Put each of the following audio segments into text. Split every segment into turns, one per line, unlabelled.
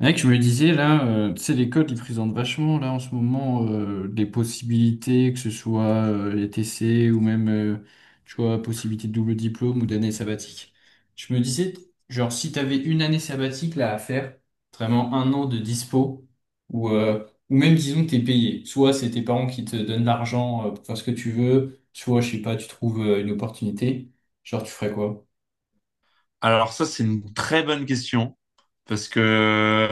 Mec, je me disais là, tu sais, l'école, ils présentent vachement là en ce moment des possibilités, que ce soit les TC ou même, tu vois, possibilité de double diplôme ou d'année sabbatique. Je me disais, genre, si t'avais une année sabbatique là à faire, vraiment un an de dispo, ou même disons que t'es payé. Soit c'est tes parents qui te donnent l'argent pour faire ce que tu veux, soit, je sais pas, tu trouves une opportunité, genre, tu ferais quoi?
Alors ça, c'est une très bonne question parce que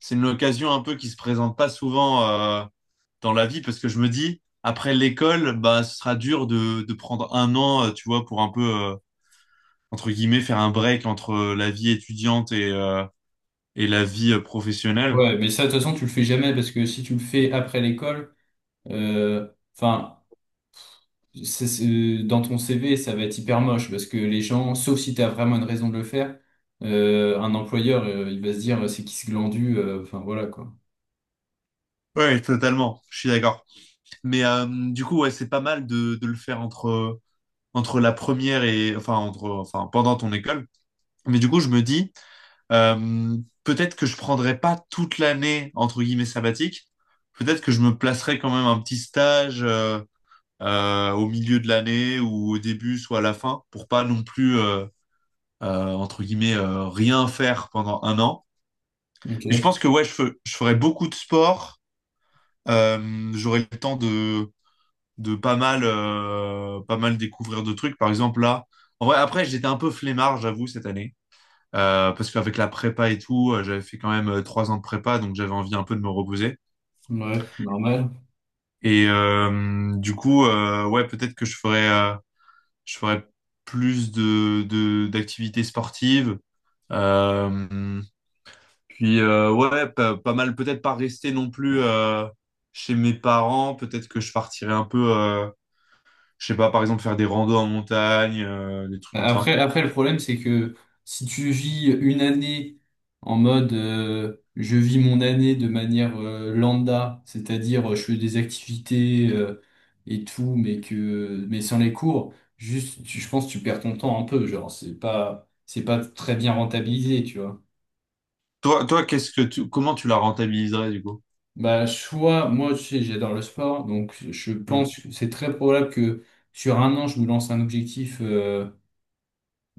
c'est une occasion un peu qui se présente pas souvent euh, dans la vie parce que je me dis, après l'école, bah, ce sera dur de prendre un an, tu vois, pour un peu, entre guillemets, faire un break entre la vie étudiante et et la vie professionnelle.
Ouais, mais ça, de toute façon, tu le fais jamais parce que si tu le fais après l'école, Euh, Enfin, dans ton CV, ça va être hyper moche parce que les gens, sauf si tu as vraiment une raison de le faire, un employeur, il va se dire c'est qui ce glandu, enfin voilà quoi.
Ouais, totalement, je suis d'accord. Mais du coup, ouais, c'est pas mal de le faire entre la première et pendant ton école. Mais du coup, je me dis, Euh, peut-être que je prendrai pas toute l'année entre guillemets sabbatique. Peut-être que je me placerai quand même un petit stage au milieu de l'année ou au début, soit à la fin, pour pas non plus entre guillemets rien faire pendant un an. Mais je
Ok,
pense que ouais, je ferai beaucoup de sport. J'aurai le temps de pas mal pas mal découvrir de trucs. Par exemple là, en vrai, après j'étais un peu flemmard, j'avoue cette année. Parce qu'avec la prépa et tout, j'avais fait quand même trois ans de prépa, donc j'avais envie un peu de me reposer.
ouais, normal.
Et du coup, ouais, peut-être que je ferais plus d'activités sportives. Euh, puis ouais, pas mal, peut-être pas rester non plus chez mes parents. Peut-être que je partirais un peu, je sais pas, par exemple faire des randos en montagne, des trucs comme ça.
Après, après, le problème, c'est que si tu vis une année en mode je vis mon année de manière lambda, c'est-à-dire je fais des activités et tout, mais que mais sans les cours, je pense que tu perds ton temps un peu, genre c'est pas très bien rentabilisé, tu vois.
Toi, qu'est-ce que tu, comment tu la rentabiliserais du coup?
Bah soit moi tu sais, j'adore le sport, donc je
Hmm.
pense que c'est très probable que sur un an je me lance un objectif euh,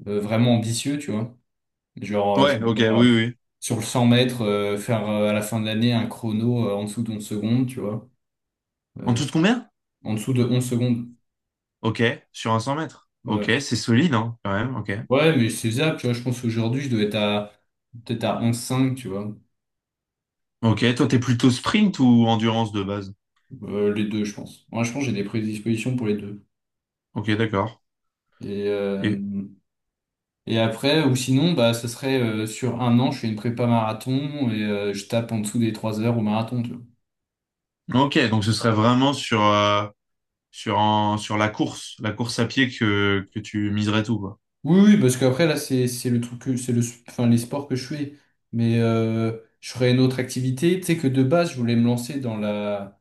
euh, vraiment ambitieux, tu vois. Genre, je
Ouais,
sais
ok, oui, oui.
pas,
oui.
sur le 100 mètres, faire à la fin de l'année un chrono en dessous de 11 secondes, tu vois.
En tout de combien?
En dessous de 11 secondes.
Ok, sur un 100 mètres. Ok,
Ouais.
c'est solide, hein, quand même. Ok.
Ouais, mais c'est ça, tu vois. Je pense qu'aujourd'hui, je dois être à peut-être à 11,5, tu vois.
Ok, toi, t'es plutôt sprint ou endurance de base?
Les deux, je pense. Moi, je pense que j'ai des prédispositions pour les deux.
Ok, d'accord.
Et, euh,
Et
et après, ou sinon, bah, ce serait sur un an, je fais une prépa marathon et je tape en dessous des 3 heures au marathon, tu vois.
ok, donc ce serait vraiment sur sur sur la course à pied que tu miserais tout, quoi.
Oui, oui, parce qu'après, là, c'est le truc que, c'est le, enfin, les sports que je fais. Mais euh, je ferais une autre activité. Tu sais que de base, je voulais me lancer dans la.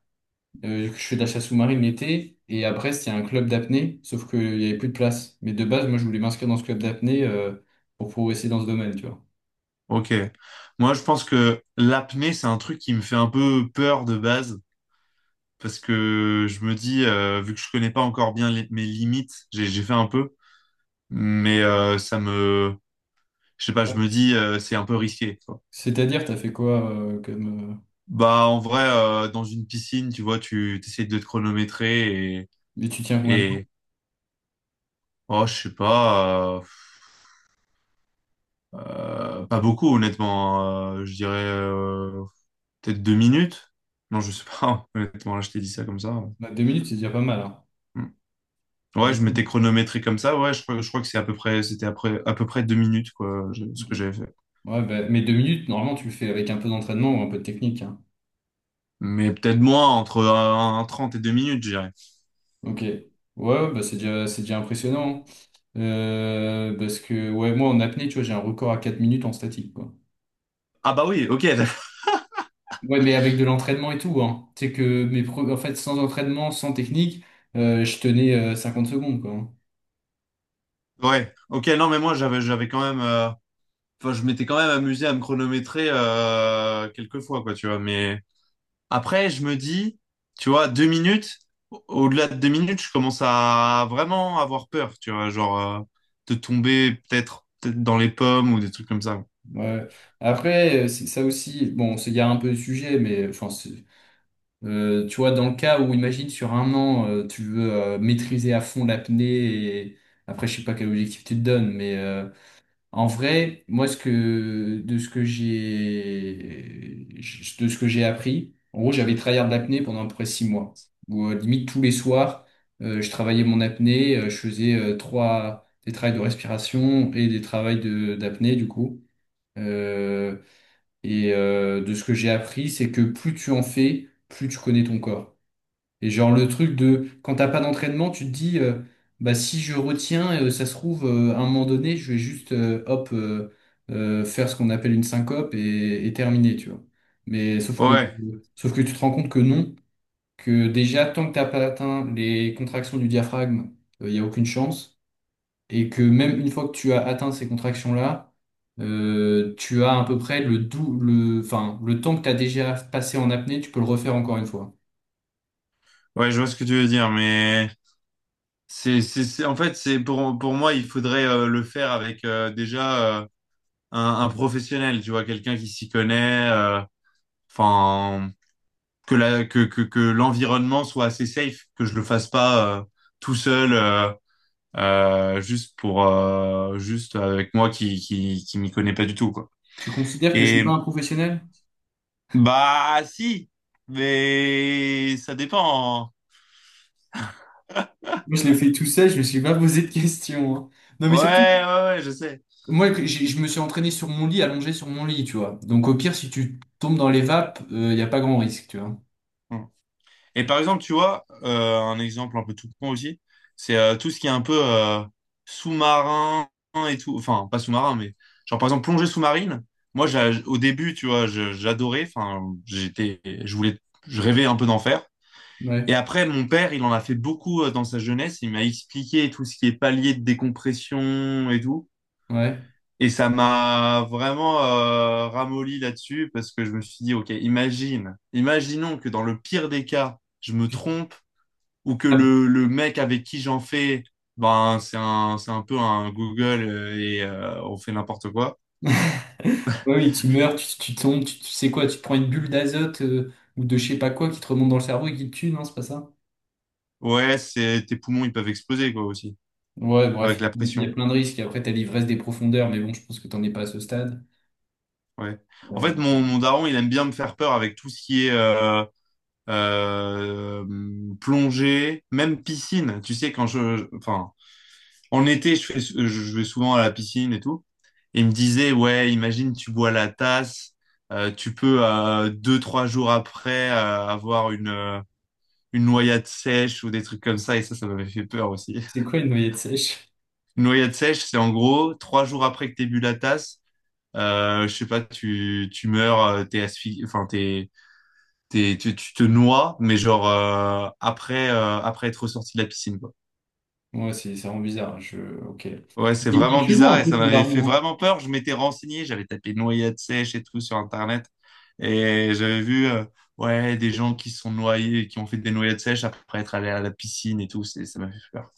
Je fais de la chasse sous-marine l'été. Et à Brest, il y a un club d'apnée, sauf qu'il n'y avait plus de place. Mais de base, moi, je voulais m'inscrire dans ce club d'apnée pour progresser dans ce domaine, tu vois.
Ok. Moi, je pense que l'apnée, c'est un truc qui me fait un peu peur de base parce que je me dis, vu que je connais pas encore bien mes limites, j'ai fait un peu, mais ça me, je sais pas, je
Ouais.
me dis, c'est un peu risqué.
C'est-à-dire, t'as fait quoi comme.
Bah, en vrai, dans une piscine, tu vois, tu essaies de te chronométrer
Mais tu tiens combien de temps?
et oh, je sais pas, pas beaucoup, honnêtement. Je dirais peut-être deux minutes. Non, je sais pas, honnêtement, là, je t'ai dit ça comme ça.
Bah, 2 minutes, c'est déjà pas mal, hein.
Mm. Ouais, je
Deux
m'étais
minutes.
chronométré comme ça. Ouais, je crois que c'est à peu près, c'était après, à peu près deux minutes, quoi, ce que j'avais fait.
Ouais, bah, mais 2 minutes, normalement, tu le fais avec un peu d'entraînement ou un peu de technique, hein.
Mais peut-être moins, entre un 30 et deux minutes, je dirais.
Ok. Ouais, ouais, bah c'est déjà impressionnant, hein. Parce que, ouais, moi, en apnée, tu vois, j'ai un record à 4 minutes en statique, quoi.
Ah, bah oui, ok.
Ouais, mais avec de l'entraînement et tout, hein. C'est que, en fait, sans entraînement, sans technique, je tenais 50 secondes, quoi, hein.
Ouais, ok, non, mais moi, j'avais quand même. Enfin, je m'étais quand même amusé à me chronométrer quelques fois, quoi, tu vois. Mais après, je me dis, tu vois, deux minutes, au-delà de deux minutes, je commence à vraiment avoir peur, tu vois, genre de tomber peut-être dans les pommes ou des trucs comme ça.
Ouais. Après, c'est ça aussi, bon, on s'égare un peu du sujet, mais tu vois, dans le cas où, imagine, sur un an, tu veux maîtriser à fond l'apnée et après, je sais pas quel objectif tu te donnes, mais. En vrai, moi, ce que, de ce que j'ai, de ce que j'ai appris, en gros, j'avais tryhard de l'apnée pendant à peu près 6 mois. Où, limite, tous les soirs, je travaillais mon apnée, je faisais des travails de respiration et des travails d'apnée, du coup. Euh, de ce que j'ai appris, c'est que plus tu en fais, plus tu connais ton corps. Et genre le truc de quand t'as pas d'entraînement, tu te dis bah si je retiens, ça se trouve à un moment donné, je vais juste hop faire ce qu'on appelle une syncope et terminer, tu vois. Mais sauf que
Ouais,
sauf que tu te rends compte que non, que déjà tant que t'as pas atteint les contractions du diaphragme, il n'y a aucune chance, et que même une fois que tu as atteint ces contractions-là, tu as à peu près le dou le enfin le temps que tu as déjà passé en apnée, tu peux le refaire encore une fois.
ouais, je vois ce que tu veux dire, mais en fait, c'est pour moi, il faudrait le faire avec déjà un professionnel, tu vois, quelqu'un qui s'y connaît. Enfin, que que l'environnement soit assez safe, que je le fasse pas tout seul juste pour juste avec moi qui m'y connais pas du tout quoi.
Tu considères que je suis
Et
pas un professionnel?
bah si, mais ça dépend, hein.
Moi, je l'ai fait tout seul, je me suis pas posé de questions, hein. Non, mais
Ouais
surtout,
ouais, ouais je sais.
moi, je me suis entraîné sur mon lit, allongé sur mon lit, tu vois. Donc, au pire, si tu tombes dans les vapes, il n'y a pas grand risque, tu vois.
Mm. Et par exemple, tu vois, un exemple un peu tout con aussi, c'est tout ce qui est un peu sous-marin et tout. Enfin, pas sous-marin, mais genre par exemple plongée sous-marine. Moi, au début, tu vois, j'adorais. Enfin, j'étais, je voulais, je rêvais un peu d'en faire. Et
Ouais,
après, mon père, il en a fait beaucoup dans sa jeunesse. Il m'a expliqué tout ce qui est palier de décompression et tout.
ouais.
Et ça m'a vraiment ramolli là-dessus parce que je me suis dit, OK, imagine, imaginons que dans le pire des cas, je me trompe ou que
Ah,
le mec avec qui j'en fais, ben, c'est un peu un Google et on fait n'importe quoi.
ouais, oui, tu meurs, tu tombes, tu sais quoi, tu te prends une bulle d'azote ou de je sais pas quoi qui te remonte dans le cerveau et qui te tue, non, c'est pas ça?
Ouais, c'est, tes poumons, ils peuvent exploser, quoi, aussi,
Ouais, bref,
avec la
il y a
pression.
plein de risques. Et après, t'as l'ivresse des profondeurs, mais bon, je pense que t'en es pas à ce stade.
Ouais. En fait, mon daron, il aime bien me faire peur avec tout ce qui est euh, plongée, même piscine. Tu sais, enfin, en été, je vais souvent à la piscine et tout. Et il me disait, ouais, imagine, tu bois la tasse, tu peux deux, trois jours après avoir une noyade sèche ou des trucs comme ça, et ça, ça m'avait fait peur aussi.
C'est quoi une noyade sèche?
Une noyade sèche, c'est en gros, trois jours après que t'aies bu la tasse, je sais pas, tu meurs, t'es asphyxié, enfin, tu te noies, mais genre, après être ressorti de la piscine, quoi.
Ouais, c'est, ça rend bizarre, hein. Je... Ok.
Ouais, c'est
Il est
vraiment
chelou
bizarre
un
et
peu
ça
ton
m'avait fait
daron, hein.
vraiment peur. Je m'étais renseigné, j'avais tapé noyade sèche et tout sur Internet et j'avais vu, ouais, des gens qui sont noyés, qui ont fait des noyades sèches après être allés à la piscine et tout. Ça m'a fait peur.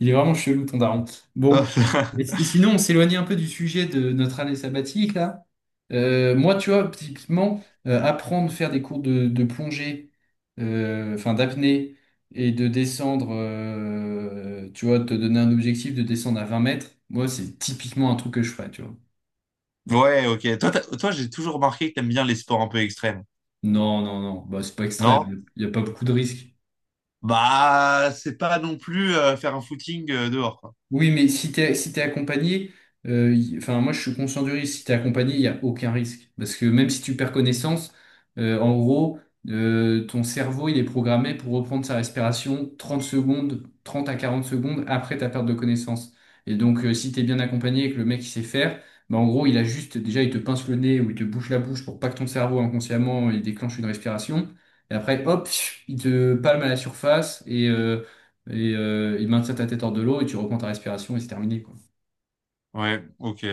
Il est vraiment chelou, ton daron. Bon. Et, sinon, on s'éloignait un peu du sujet de notre année sabbatique, là. Moi, tu vois, typiquement, apprendre, faire des cours de plongée, enfin d'apnée, et de descendre, tu vois, te donner un objectif de descendre à 20 mètres, moi, c'est typiquement un truc que je ferais, tu vois.
Ouais, ok. Toi, j'ai toujours remarqué que t'aimes bien les sports un peu extrêmes,
Non, non, non, bah, c'est pas
non?
extrême, il n'y a pas beaucoup de risques.
Bah, c'est pas non plus faire un footing dehors, quoi.
Oui, mais si t'es accompagné, enfin, moi je suis conscient du risque. Si t'es accompagné, il n'y a aucun risque. Parce que même si tu perds connaissance, en gros, ton cerveau il est programmé pour reprendre sa respiration 30 secondes, 30 à 40 secondes après ta perte de connaissance. Et donc, si t'es bien accompagné et que le mec il sait faire, bah, en gros, il a juste, déjà, il te pince le nez ou il te bouche la bouche pour pas que ton cerveau inconsciemment il déclenche une respiration. Et après, hop, il te palme à la surface et il maintient ta tête hors de l'eau et tu reprends ta respiration et c'est terminé, quoi.
Ouais, ok.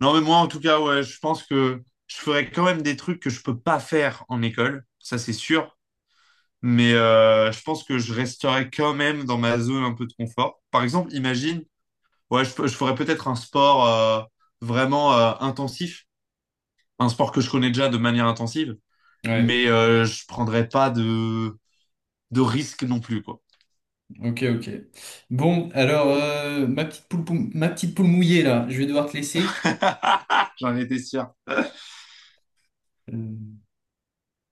Non, mais moi, en tout cas, ouais, je pense que je ferais quand même des trucs que je peux pas faire en école, ça c'est sûr. Mais je pense que je resterais quand même dans ma zone un peu de confort. Par exemple, imagine, ouais, je ferais peut-être un sport vraiment intensif, un sport que je connais déjà de manière intensive,
Ouais,
mais je prendrais pas de risque non plus, quoi.
ok, ok. Bon, alors, ma petite poule, ma petite poule mouillée, là, je vais devoir te laisser.
J'en étais sûr.
Euh,